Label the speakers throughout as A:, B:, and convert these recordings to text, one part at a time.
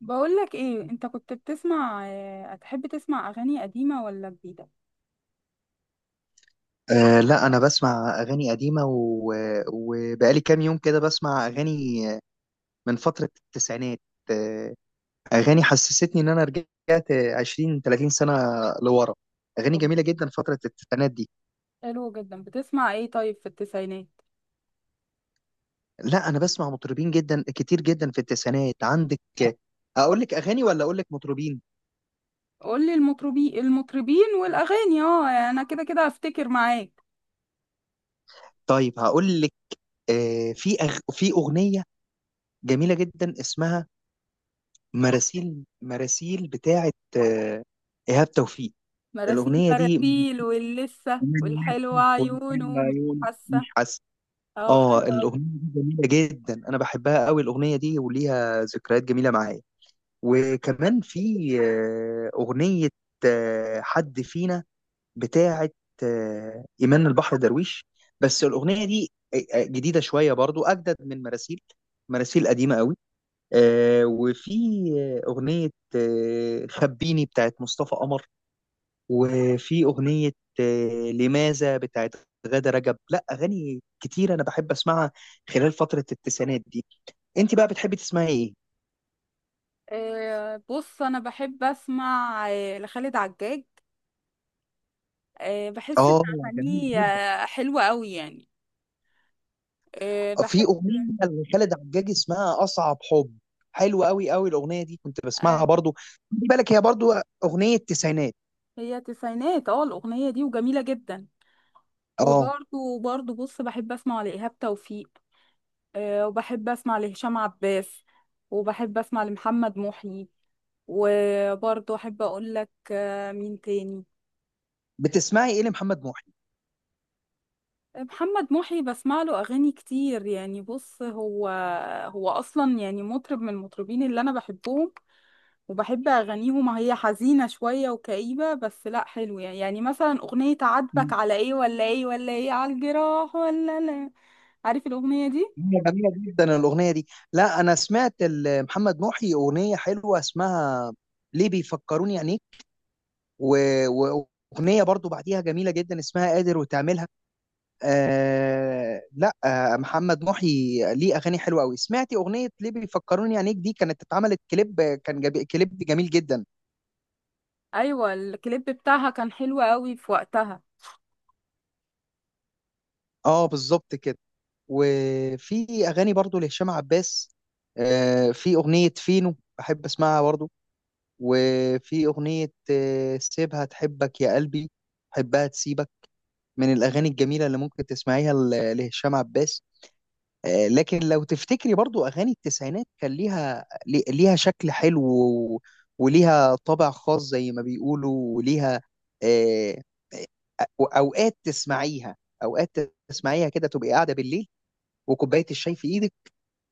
A: بقولك ايه انت كنت بتسمع هتحب تسمع اغاني قديمة ولا جديدة؟
B: لا، أنا بسمع أغاني قديمة وبقالي كام يوم كده بسمع أغاني من فترة التسعينات. أه أغاني حسستني إن أنا رجعت 20 30 سنة لورا. أغاني
A: طب
B: جميلة جدا فترة التسعينات دي.
A: حلو جدا، بتسمع ايه طيب في التسعينات؟
B: لا، أنا بسمع مطربين جدا كتير جدا في التسعينات، عندك. أقول لك أغاني ولا أقول لك مطربين؟
A: قولي المطربين والاغاني، اه انا كده كده هفتكر معاك.
B: طيب هقول لك. في أغنية جميلة جدا اسمها مراسيل، مراسيل بتاعت إيهاب توفيق.
A: مراسيل
B: الأغنية دي
A: مراسيل واللسه
B: من
A: والحلوة
B: نفتح ولسان
A: عيونه مش
B: وعيون
A: حاسة.
B: مش حاسه.
A: اه
B: اه،
A: حلوة أوي.
B: الاغنيه دي جميله جدا، انا بحبها قوي الاغنيه دي، وليها ذكريات جميله معايا. وكمان في اغنيه حد فينا بتاعه ايمان البحر درويش. بس الاغنيه دي جديده شويه برضو، اجدد من مراسيل، مراسيل قديمه قوي. وفي اغنيه خبيني بتاعه مصطفى قمر. وفي أغنية لماذا بتاعت غادة رجب. لا، أغاني كتير أنا بحب أسمعها خلال فترة التسعينات دي. أنت بقى بتحبي تسمعي إيه؟
A: بص أنا بحب أسمع لخالد عجاج. بحس إن
B: آه. جميل
A: أغانيه
B: جدا.
A: حلوة أوي يعني.
B: في
A: بحب.
B: أغنية لخالد عجاج اسمها أصعب حب، حلوة أوي أوي الأغنية دي، كنت بسمعها
A: آه،
B: برضو. خدي بالك، هي برضو أغنية تسعينات.
A: هي تسعينات، اه الأغنية دي وجميلة جدا.
B: آه.
A: وبرضه بص بحب أسمع لإيهاب توفيق. وبحب أسمع لهشام عباس، وبحب أسمع لمحمد محي. وبرضه أحب أقول لك مين تاني.
B: بتسمعي إيه لمحمد محي؟
A: محمد محي بسمع له اغاني كتير، يعني بص هو اصلا يعني مطرب من المطربين اللي انا بحبهم وبحب اغانيهم. هي حزينه شويه وكئيبه بس لا حلوه يعني. يعني مثلا اغنيه عاتبك على ايه ولا ايه ولا ايه على الجراح ولا لا، عارف الاغنيه دي؟
B: هي جميلة جدا الأغنية دي. لا، أنا سمعت محمد محي أغنية حلوة اسمها ليه بيفكروني يعني، و- و- واغنيه برضو بعديها جميله جدا اسمها قادر وتعملها. لا، محمد محي ليه اغاني حلوه قوي، سمعتي اغنيه ليه بيفكروني؟ عينيك دي كانت اتعملت كليب، كان جبي كليب جميل جدا.
A: ايوه الكليب بتاعها كان حلو قوي في وقتها.
B: اه، بالظبط كده. وفي اغاني برضو لهشام عباس، في اغنيه فينو بحب اسمعها برضو، وفي اغنيه سيبها تحبك يا قلبي، حبها تسيبك، من الاغاني الجميله اللي ممكن تسمعيها لهشام عباس. لكن لو تفتكري برضو اغاني التسعينات كان ليها، ليها شكل حلو، وليها طابع خاص زي ما بيقولوا، وليها آه، أو- اوقات تسمعيها، اوقات تسمعيها كده، تبقي قاعده بالليل وكوبايه الشاي في ايدك،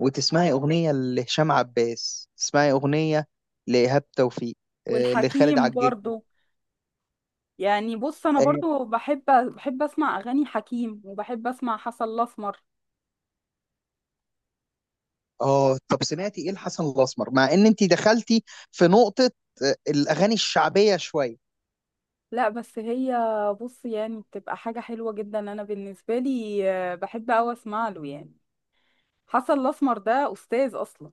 B: وتسمعي اغنيه لهشام عباس، تسمعي اغنيه لايهاب توفيق، لخالد
A: والحكيم
B: عجاج.
A: برضو، يعني بص انا
B: اه.
A: برضو بحب اسمع اغاني حكيم، وبحب اسمع حسن الاسمر.
B: طب سمعتي ايه لحسن الاسمر؟ مع ان انت دخلتي في نقطه، الاغاني الشعبيه شويه.
A: لا بس هي، بص يعني بتبقى حاجة حلوة جدا. أنا بالنسبة لي بحب أوي أسمع له يعني. حسن الأسمر ده أستاذ أصلا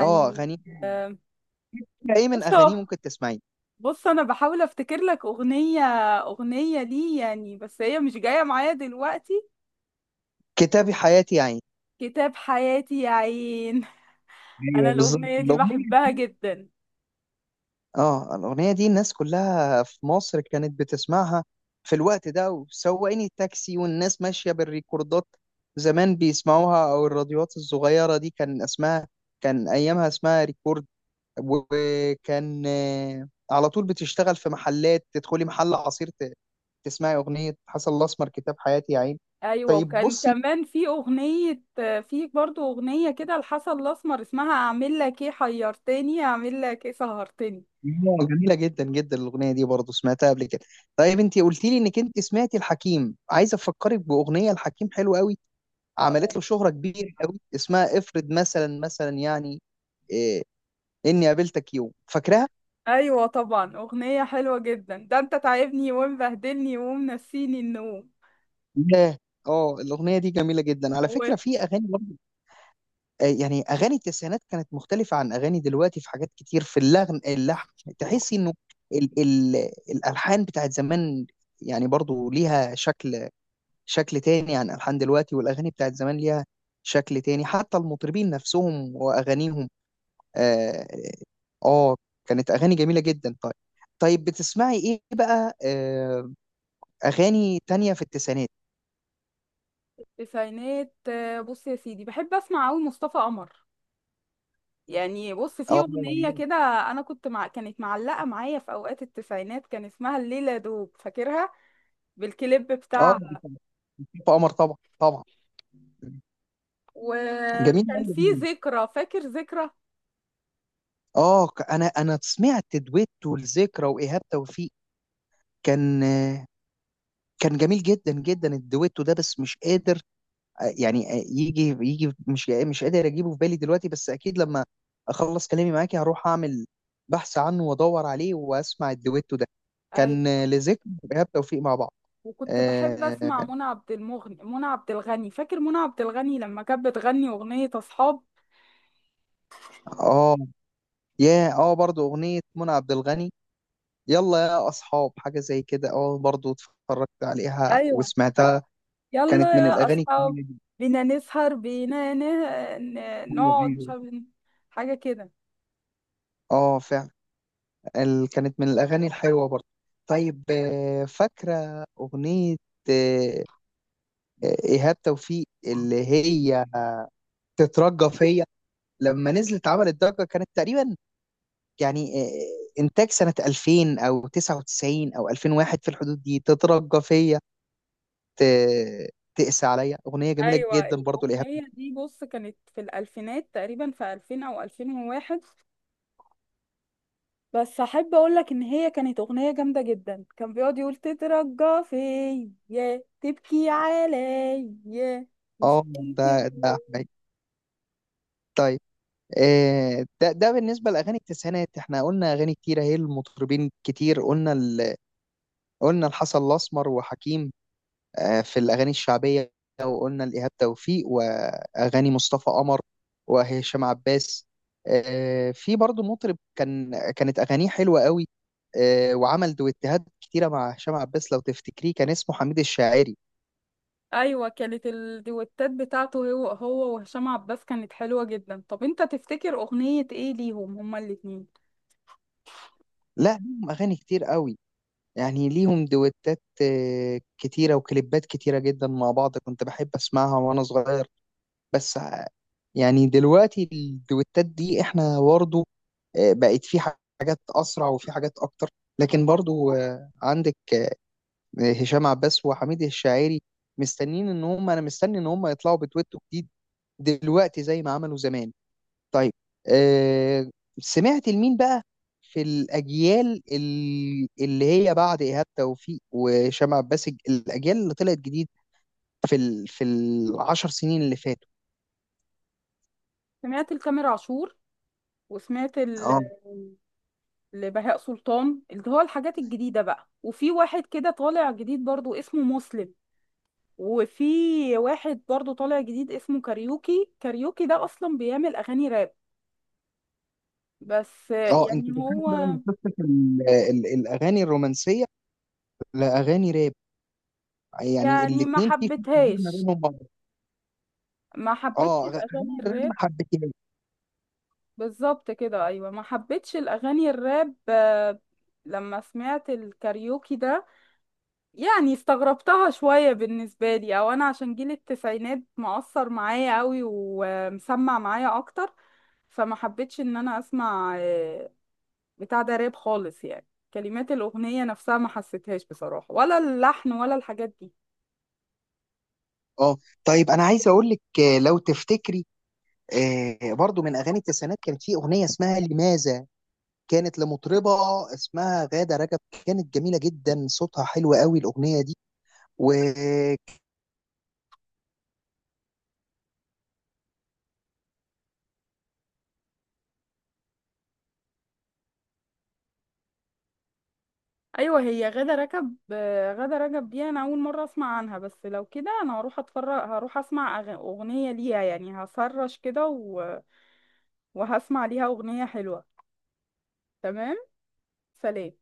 B: اه، اغاني
A: آه،
B: ايه من
A: بص
B: اغانيه
A: هو،
B: ممكن تسمعيه؟
A: بص أنا بحاول أفتكر لك أغنية، أغنية ليه يعني، بس هي مش جاية معايا دلوقتي.
B: كتابي حياتي يا عين.
A: كتاب حياتي يا عين. أنا
B: ايوه، بالظبط
A: الأغنية دي
B: الاغنيه.
A: بحبها جدا.
B: اه، الاغنيه دي الناس كلها في مصر كانت بتسمعها في الوقت ده، وسواقين التاكسي والناس ماشيه بالريكوردات زمان بيسمعوها، او الراديوات الصغيره دي كان اسمها، كان ايامها اسمها ريكورد. وكان على طول بتشتغل في محلات، تدخلي محل عصير تسمعي اغنيه حسن الاسمر كتاب حياتي يا عين.
A: أيوة،
B: طيب
A: وكان
B: بصي،
A: كمان في أغنية، في برضو أغنية كده لحسن الأسمر اسمها أعمل لك إيه حيرتني أعمل لك إيه سهرتني.
B: جميلة جدا جدا الأغنية دي برضو، سمعتها قبل كده. طيب انت قلت لي انك انت سمعتي الحكيم، عايز افكرك بأغنية الحكيم حلوة قوي،
A: آه.
B: عملت له شهرة كبيرة قوي، اسمها افرض مثلا، يعني إيه اني قابلتك يوم، فاكراها؟
A: ايوه طبعا اغنية حلوة جدا، ده انت تعبني ومبهدلني ومنسيني النوم.
B: لا. اه، الأغنية دي جميلة جدا على
A: و
B: فكرة. في أغاني برضو، يعني أغاني التسعينات كانت مختلفة عن أغاني دلوقتي في حاجات كتير في اللحن، تحسي انه ال ال الألحان بتاعت زمان، يعني برضو ليها شكل تاني عن ألحان دلوقتي، والأغاني بتاعت زمان ليها شكل تاني، حتى المطربين نفسهم وأغانيهم. آه, آه كانت أغاني جميلة جدا. طيب، طيب بتسمعي إيه بقى؟ أغاني تانية في التسعينات؟
A: تسعينات، بص يا سيدي بحب اسمع قوي مصطفى قمر. يعني بص في
B: آه.
A: اغنية كده انا كنت مع كانت معلقة معايا في اوقات التسعينات، كان اسمها الليلة دوب، فاكرها بالكليب
B: آه،
A: بتاعها.
B: في قمر، طبعا طبعا. جميل
A: وكان في
B: أوي.
A: ذكرى، فاكر ذكرى.
B: أنا سمعت دويتو الذكرى وإيهاب توفيق، كان آه، كان جميل جدا جدا الدويتو ده، بس مش قادر يعني يجي، مش قادر اجيبه في بالي دلوقتي، بس اكيد لما اخلص كلامي معاكي هروح اعمل بحث عنه وادور عليه واسمع الدويتو ده، كان
A: ايوه،
B: لذكر ايهاب توفيق مع بعض.
A: وكنت بحب
B: اه.
A: اسمع منى عبد الغني. فاكر منى عبد الغني لما كانت بتغني اغنية اصحاب؟
B: آه، يا اه برضو اغنيه منى عبد الغني، يلا يا اصحاب، حاجه زي كده، اه برضو اتفرجت عليها
A: ايوه،
B: وسمعتها، كانت
A: يلا
B: من
A: يا
B: الاغاني
A: أصحاب،
B: الجميلة جدا.
A: بينا نسهر بينا
B: ايوه،
A: نقعد مش
B: ايوه.
A: عارف، حاجة كده.
B: اه، فعلا. كانت من الاغاني الحلوه برضو. طيب، فاكره اغنيه ايهاب توفيق اللي هي تترجى فيا؟ لما نزلت عملت ضجه، كانت تقريبا يعني انتاج سنه 2000 او 99 او 2001، في الحدود دي، تترجى فيا ت- تقسى عليا، اغنيه جميله
A: أيوة
B: جدا برضو لايهاب.
A: الأغنية دي بص كانت في الألفينات تقريبا، في 2000 أو 2001. بس أحب أقولك إن هي كانت أغنية جامدة جدا. كان بيقعد يقول تترجى فيا تبكي عليا، مش
B: اه، ده
A: ممكن.
B: ده حقيقي. طيب، آه، ده ده بالنسبه لاغاني التسعينات، احنا قلنا اغاني كتيره، هي المطربين كتير. قلنا الحسن الاسمر وحكيم، في الأغاني الشعبية، وقلنا لإيهاب توفيق وأغاني مصطفى قمر وهشام عباس. في برضو مطرب كانت أغانيه حلوة قوي، وعمل دويتهات كتيرة مع هشام عباس، لو تفتكريه كان اسمه حميد الشاعري.
A: أيوة كانت الديوتات بتاعته هو وهشام عباس كانت حلوة جدا. طب أنت تفتكر أغنية إيه ليهم هما الاتنين؟
B: لا، ليهم أغاني كتير قوي، يعني ليهم دويتات كتيرة وكليبات كتيرة جدا مع بعض، كنت بحب أسمعها وأنا صغير. بس ع- يعني دلوقتي الدويتات دي احنا برضه بقت في حاجات اسرع وفي حاجات اكتر، لكن برضو عندك هشام عباس وحميد الشاعري، مستنين ان هم انا مستني ان هم يطلعوا بتويتو جديد دلوقتي زي ما عملوا زمان. طيب، آه، سمعت لمين بقى في الاجيال، اللي هي بعد ايهاب توفيق وهشام عباس، الاجيال اللي طلعت جديد في في العشر سنين اللي فاتوا؟
A: سمعت لتامر عاشور، وسمعت لبهاء سلطان اللي هو الحاجات الجديدة بقى. وفي واحد كده طالع جديد برضو اسمه مسلم. وفي واحد برضو طالع جديد اسمه كاريوكي. ده اصلا بيعمل اغاني راب. بس
B: اه،
A: يعني
B: انت دخلت
A: هو
B: بقى مسكت الاغاني الرومانسيه لاغاني راب، يعني
A: يعني ما
B: الاثنين في فرق كبير ما
A: حبيتهاش،
B: بينهم بعض.
A: ما
B: اه،
A: حبيتش الاغاني
B: اغاني الراب
A: الراب.
B: ما حبيتهاش.
A: بالظبط كده، ايوه ما حبيتش الاغاني الراب. لما سمعت الكاريوكي ده يعني استغربتها شوية بالنسبة لي. او انا عشان جيل التسعينات مؤثر معايا قوي ومسمع معايا اكتر، فما حبيتش ان انا اسمع بتاع ده راب خالص يعني. كلمات الاغنية نفسها ما حسيتهاش بصراحة، ولا اللحن ولا الحاجات دي.
B: اه، طيب انا عايز اقول لك، لو تفتكري برضو من اغاني التسعينات، كانت في اغنيه اسمها لماذا، كانت لمطربه اسمها غاده رجب، كانت جميله جدا، صوتها حلو قوي الاغنيه دي.
A: ايوه هي غادة رجب، غادة رجب دي انا اول مرة اسمع عنها. بس لو كده انا هروح اتفرج، هروح اسمع اغنية ليها يعني، هسرش كده و... وهسمع ليها اغنية حلوة. تمام، سلام.